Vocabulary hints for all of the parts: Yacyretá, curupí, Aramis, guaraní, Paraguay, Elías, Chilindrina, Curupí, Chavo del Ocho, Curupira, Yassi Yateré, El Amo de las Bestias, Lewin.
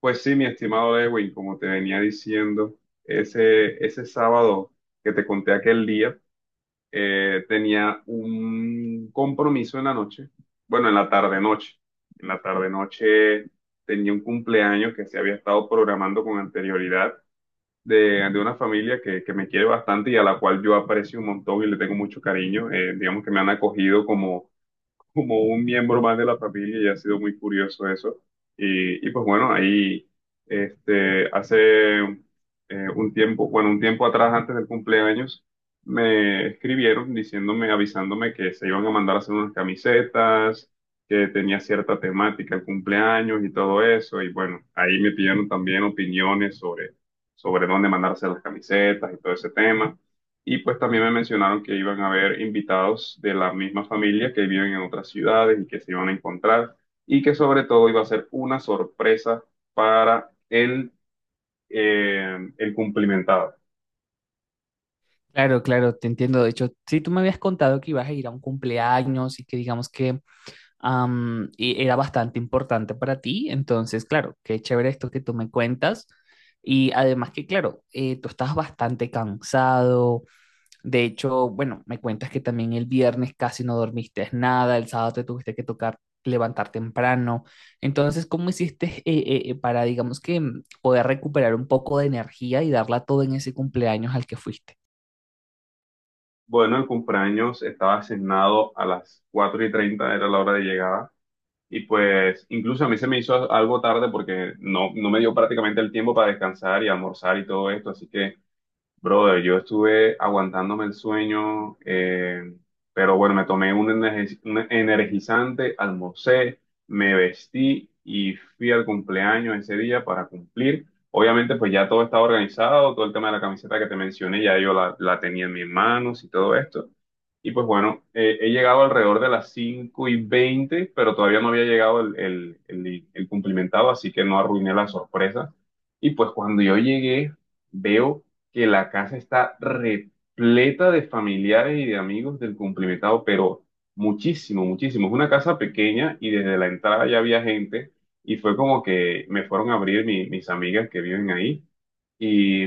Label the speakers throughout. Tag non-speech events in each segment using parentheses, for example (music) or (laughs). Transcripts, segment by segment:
Speaker 1: Pues sí, mi estimado Lewin, como te venía diciendo, ese sábado que te conté aquel día, tenía un compromiso en la noche, bueno, en la tarde-noche. En la tarde-noche tenía un cumpleaños que se había estado programando con anterioridad de una familia que me quiere bastante y a la cual yo aprecio un montón y le tengo mucho cariño. Digamos que me han acogido como un miembro más de la familia y ha sido muy curioso eso. Y pues bueno, ahí hace un tiempo, bueno, un tiempo atrás, antes del cumpleaños, me escribieron diciéndome, avisándome que se iban a mandar a hacer unas camisetas, que tenía cierta temática el cumpleaños y todo eso. Y bueno, ahí me pidieron también opiniones sobre dónde mandarse las camisetas y todo ese tema. Y pues también me mencionaron que iban a haber invitados de la misma familia que viven en otras ciudades y que se iban a encontrar y que sobre todo iba a ser una sorpresa para el cumplimentado.
Speaker 2: Claro, claro, te entiendo. De hecho, sí, tú me habías contado que ibas a ir a un cumpleaños y que digamos que y era bastante importante para ti. Entonces, claro, qué chévere esto que tú me cuentas. Y además que, claro, tú estás bastante cansado. De hecho, bueno, me cuentas que también el viernes casi no dormiste nada, el sábado te tuviste que tocar levantar temprano. Entonces, ¿cómo hiciste para, digamos que, poder recuperar un poco de energía y darla todo en ese cumpleaños al que fuiste?
Speaker 1: Bueno, el cumpleaños estaba asignado a las 4:30 era la hora de llegada. Y pues incluso a mí se me hizo algo tarde porque no me dio prácticamente el tiempo para descansar y almorzar y todo esto. Así que, brother, yo estuve aguantándome el sueño, pero bueno, me tomé un, un energizante, almorcé, me vestí y fui al cumpleaños ese día para cumplir. Obviamente, pues ya todo estaba organizado, todo el tema de la camiseta que te mencioné, ya yo la tenía en mis manos y todo esto. Y pues bueno, he llegado alrededor de las 5:20, pero todavía no había llegado el cumplimentado, así que no arruiné la sorpresa. Y pues cuando yo llegué, veo que la casa está repleta de familiares y de amigos del cumplimentado, pero muchísimo, muchísimo. Es una casa pequeña y desde la entrada ya había gente y fue como que me fueron a abrir mis amigas que viven ahí y,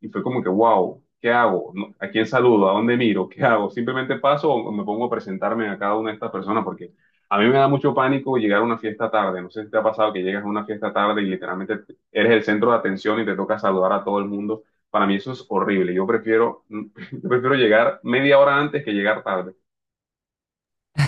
Speaker 1: y fue como que, wow, ¿qué hago? No, ¿a quién saludo? ¿A dónde miro? ¿Qué hago? ¿Simplemente paso o me pongo a presentarme a cada una de estas personas? Porque a mí me da mucho pánico llegar a una fiesta tarde. No sé si te ha pasado que llegas a una fiesta tarde y literalmente eres el centro de atención y te toca saludar a todo el mundo. Para mí eso es horrible. Yo prefiero, (laughs) yo prefiero llegar media hora antes que llegar tarde.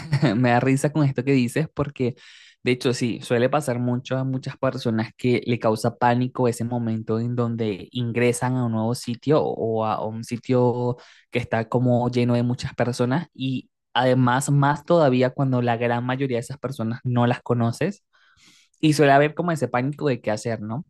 Speaker 2: (laughs) Me da risa con esto que dices porque, de hecho, sí, suele pasar mucho a muchas personas que le causa pánico ese momento en donde ingresan a un nuevo sitio o a un sitio que está como lleno de muchas personas y además más todavía cuando la gran mayoría de esas personas no las conoces y suele haber como ese pánico de qué hacer, ¿no?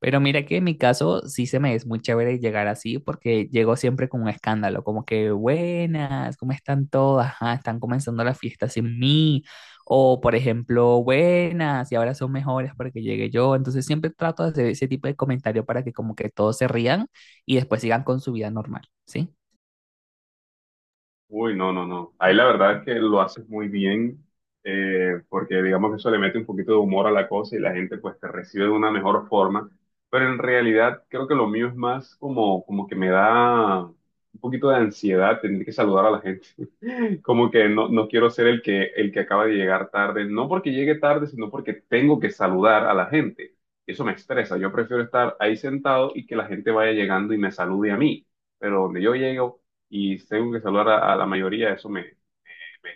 Speaker 2: Pero mira que en mi caso sí se me es muy chévere llegar así porque llego siempre con un escándalo, como que buenas, ¿cómo están todas? Ah, están comenzando la fiesta sin mí. O por ejemplo, buenas, y ahora son mejores porque llegué yo. Entonces siempre trato de hacer ese tipo de comentario para que como que todos se rían y después sigan con su vida normal, ¿sí?
Speaker 1: Uy, no, no, no. Ahí la verdad es que lo haces muy bien, porque digamos que eso le mete un poquito de humor a la cosa y la gente pues te recibe de una mejor forma. Pero en realidad creo que lo mío es más como, como que me da un poquito de ansiedad tener que saludar a la gente. Como que no, no quiero ser el que acaba de llegar tarde, no porque llegue tarde, sino porque tengo que saludar a la gente. Eso me estresa. Yo prefiero estar ahí sentado y que la gente vaya llegando y me salude a mí. Pero donde yo llego y tengo que saludar a la mayoría, eso me,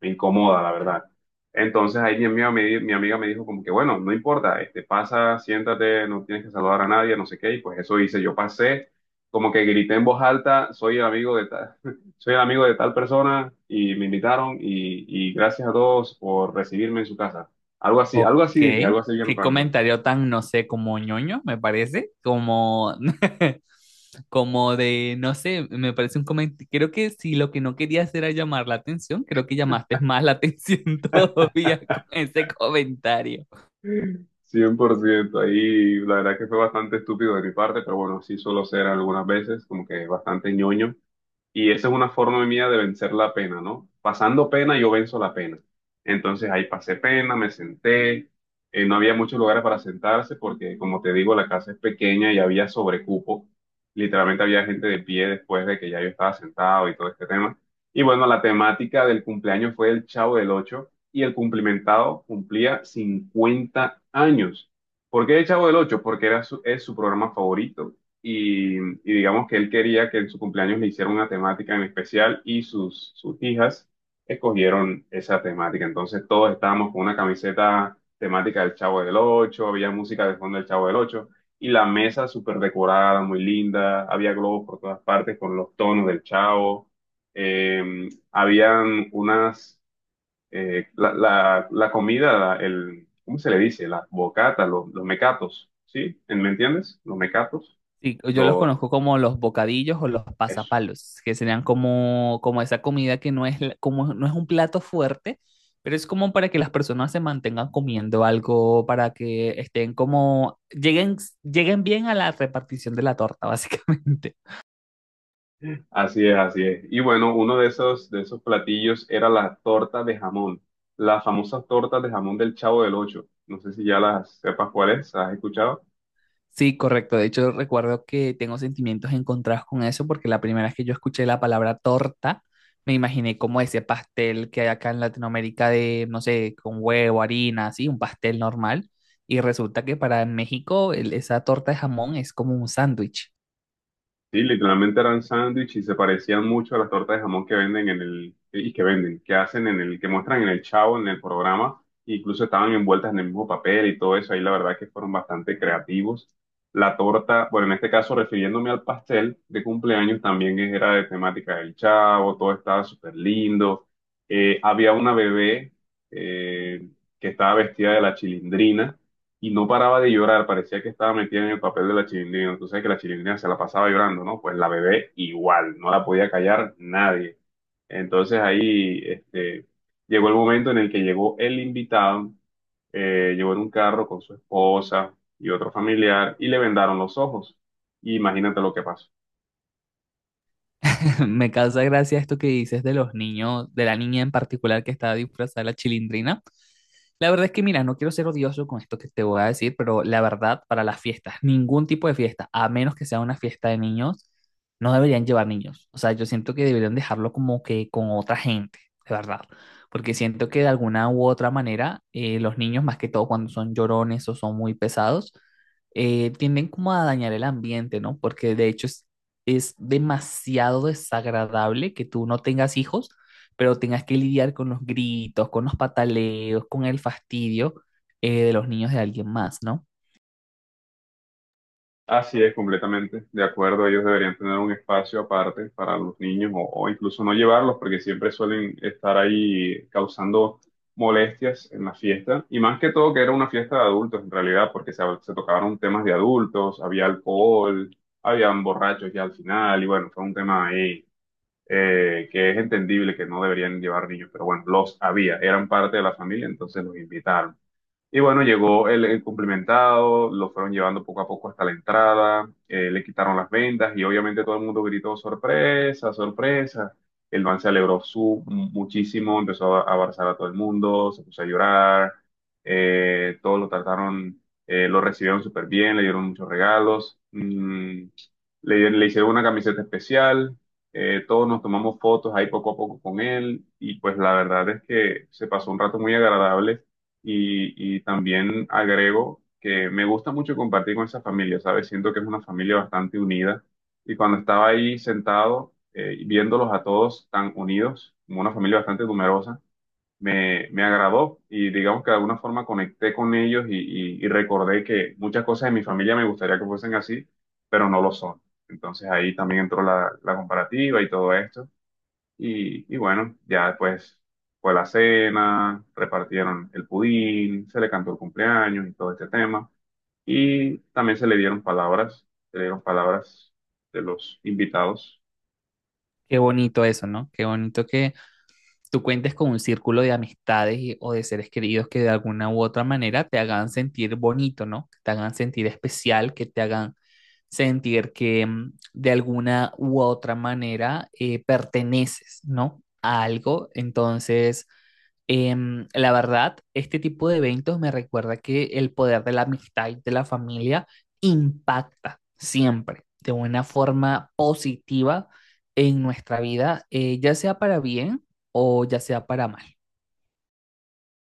Speaker 1: me incomoda, la verdad. Entonces ahí mi amiga me dijo como que, bueno, no importa, este, pasa, siéntate, no tienes que saludar a nadie, no sé qué, y pues eso hice, yo pasé, como que grité en voz alta, soy el amigo de tal, (laughs) soy el amigo de tal persona, y me invitaron, y gracias a todos por recibirme en su casa.
Speaker 2: Ok,
Speaker 1: Algo así dije, algo así bien
Speaker 2: qué
Speaker 1: random.
Speaker 2: comentario tan, no sé, como ñoño, me parece, como, (laughs) como de, no sé, me parece un comentario, creo que si lo que no querías era llamar la atención, creo que llamaste (laughs) más la atención (laughs) todavía con ese comentario.
Speaker 1: 100%, ahí la verdad que fue bastante estúpido de mi parte, pero bueno, sí suelo ser algunas veces como que bastante ñoño. Y esa es una forma mía de vencer la pena, ¿no? Pasando pena, yo venzo la pena. Entonces ahí pasé pena, me senté, no había muchos lugares para sentarse porque, como te digo, la casa es pequeña y había sobrecupo. Literalmente había gente de pie después de que ya yo estaba sentado y todo este tema. Y bueno, la temática del cumpleaños fue el Chavo del Ocho y el cumplimentado cumplía 50 años. ¿Por qué el Chavo del Ocho? Porque es su programa favorito y digamos que él quería que en su cumpleaños le hiciera una temática en especial y sus hijas escogieron esa temática. Entonces todos estábamos con una camiseta temática del Chavo del Ocho, había música de fondo del Chavo del Ocho y la mesa súper decorada, muy linda, había globos por todas partes con los tonos del Chavo, eh, habían unas, la comida, ¿cómo se le dice? Las bocatas, los mecatos, ¿sí? Me entiendes? Los mecatos.
Speaker 2: Sí, yo los
Speaker 1: Los,
Speaker 2: conozco como los bocadillos o los
Speaker 1: eso.
Speaker 2: pasapalos, que serían como, como esa comida que no es, la- como, no es un plato fuerte, pero es como para que las personas se mantengan comiendo algo, para que estén como, lleguen, lleguen bien a la repartición de la torta, (laughs) básicamente.
Speaker 1: Así es, así es. Y bueno, uno de esos platillos era la torta de jamón, las famosas tortas de jamón del Chavo del Ocho. No sé si ya las sepas cuáles, ¿has escuchado?
Speaker 2: Sí, correcto. De hecho, recuerdo que tengo sentimientos encontrados con eso porque la primera vez que yo escuché la palabra torta, me imaginé como ese pastel que hay acá en Latinoamérica de, no sé, con huevo, harina, así, un pastel normal. Y resulta que para México el- esa torta de jamón es como un sándwich.
Speaker 1: Sí, literalmente eran sándwich y se parecían mucho a las tortas de jamón que venden en el, que hacen en el, que muestran en el Chavo, en el programa, e incluso estaban envueltas en el mismo papel y todo eso, ahí la verdad que fueron bastante creativos. La torta, bueno, en este caso refiriéndome al pastel de cumpleaños, también era de temática del Chavo, todo estaba súper lindo. Había una bebé eh, que estaba vestida de la Chilindrina y no paraba de llorar, parecía que estaba metida en el papel de la Chilindrina. Tú sabes que la Chilindrina se la pasaba llorando, ¿no? Pues la bebé igual, no la podía callar nadie. Entonces ahí llegó el momento en el que llegó el invitado, llegó en un carro con su esposa y otro familiar y le vendaron los ojos. Imagínate lo que pasó.
Speaker 2: (laughs) Me causa gracia esto que dices de los niños, de la niña en particular que estaba disfrazada de la chilindrina. La verdad es que, mira, no quiero ser odioso con esto que te voy a decir, pero la verdad, para las fiestas, ningún tipo de fiesta, a menos que sea una fiesta de niños, no deberían llevar niños. O sea, yo siento que deberían dejarlo como que con otra gente, de verdad. Porque siento que de alguna u otra manera, los niños, más que todo cuando son llorones o son muy pesados, tienden como a dañar el ambiente, ¿no? Porque de hecho es demasiado desagradable que tú no tengas hijos, pero tengas que lidiar con los gritos, con los pataleos, con el fastidio de los niños de alguien más, ¿no?
Speaker 1: Así es, completamente de acuerdo. Ellos deberían tener un espacio aparte para los niños o incluso no llevarlos porque siempre suelen estar ahí causando molestias en la fiesta. Y más que todo que era una fiesta de adultos en realidad porque se tocaron temas de adultos, había alcohol, habían borrachos ya al final y bueno, fue un tema ahí que es entendible que no deberían llevar niños, pero bueno, los había, eran parte de la familia, entonces los invitaron. Y bueno, llegó el cumplimentado, lo fueron llevando poco a poco hasta la entrada, le quitaron las vendas y obviamente todo el mundo gritó sorpresa, sorpresa. El man se alegró su, muchísimo, empezó a abrazar a todo el mundo, se puso a llorar, todos lo trataron, lo recibieron súper bien, le dieron muchos regalos, mm, le hicieron una camiseta especial, todos nos tomamos fotos ahí poco a poco con él y pues la verdad es que se pasó un rato muy agradable y también agrego que me gusta mucho compartir con esa familia, ¿sabes? Siento que es una familia bastante unida. Y cuando estaba ahí sentado, y viéndolos a todos tan unidos, como una familia bastante numerosa, me agradó y digamos que de alguna forma conecté con ellos y recordé que muchas cosas de mi familia me gustaría que fuesen así, pero no lo son. Entonces ahí también entró la comparativa y todo esto. Y bueno, ya después fue la cena, repartieron el pudín, se le cantó el cumpleaños y todo este tema. Y también se le dieron palabras, se le dieron palabras de los invitados.
Speaker 2: Qué bonito eso, ¿no? Qué bonito que tú cuentes con un círculo de amistades y- o de seres queridos que de alguna u otra manera te hagan sentir bonito, ¿no? Que te hagan sentir especial, que te hagan sentir que de alguna u otra manera perteneces, ¿no? A algo. Entonces, la verdad, este tipo de eventos me recuerda que el poder de la amistad y de la familia impacta siempre de una forma positiva en nuestra vida, ya sea para bien o ya sea para mal.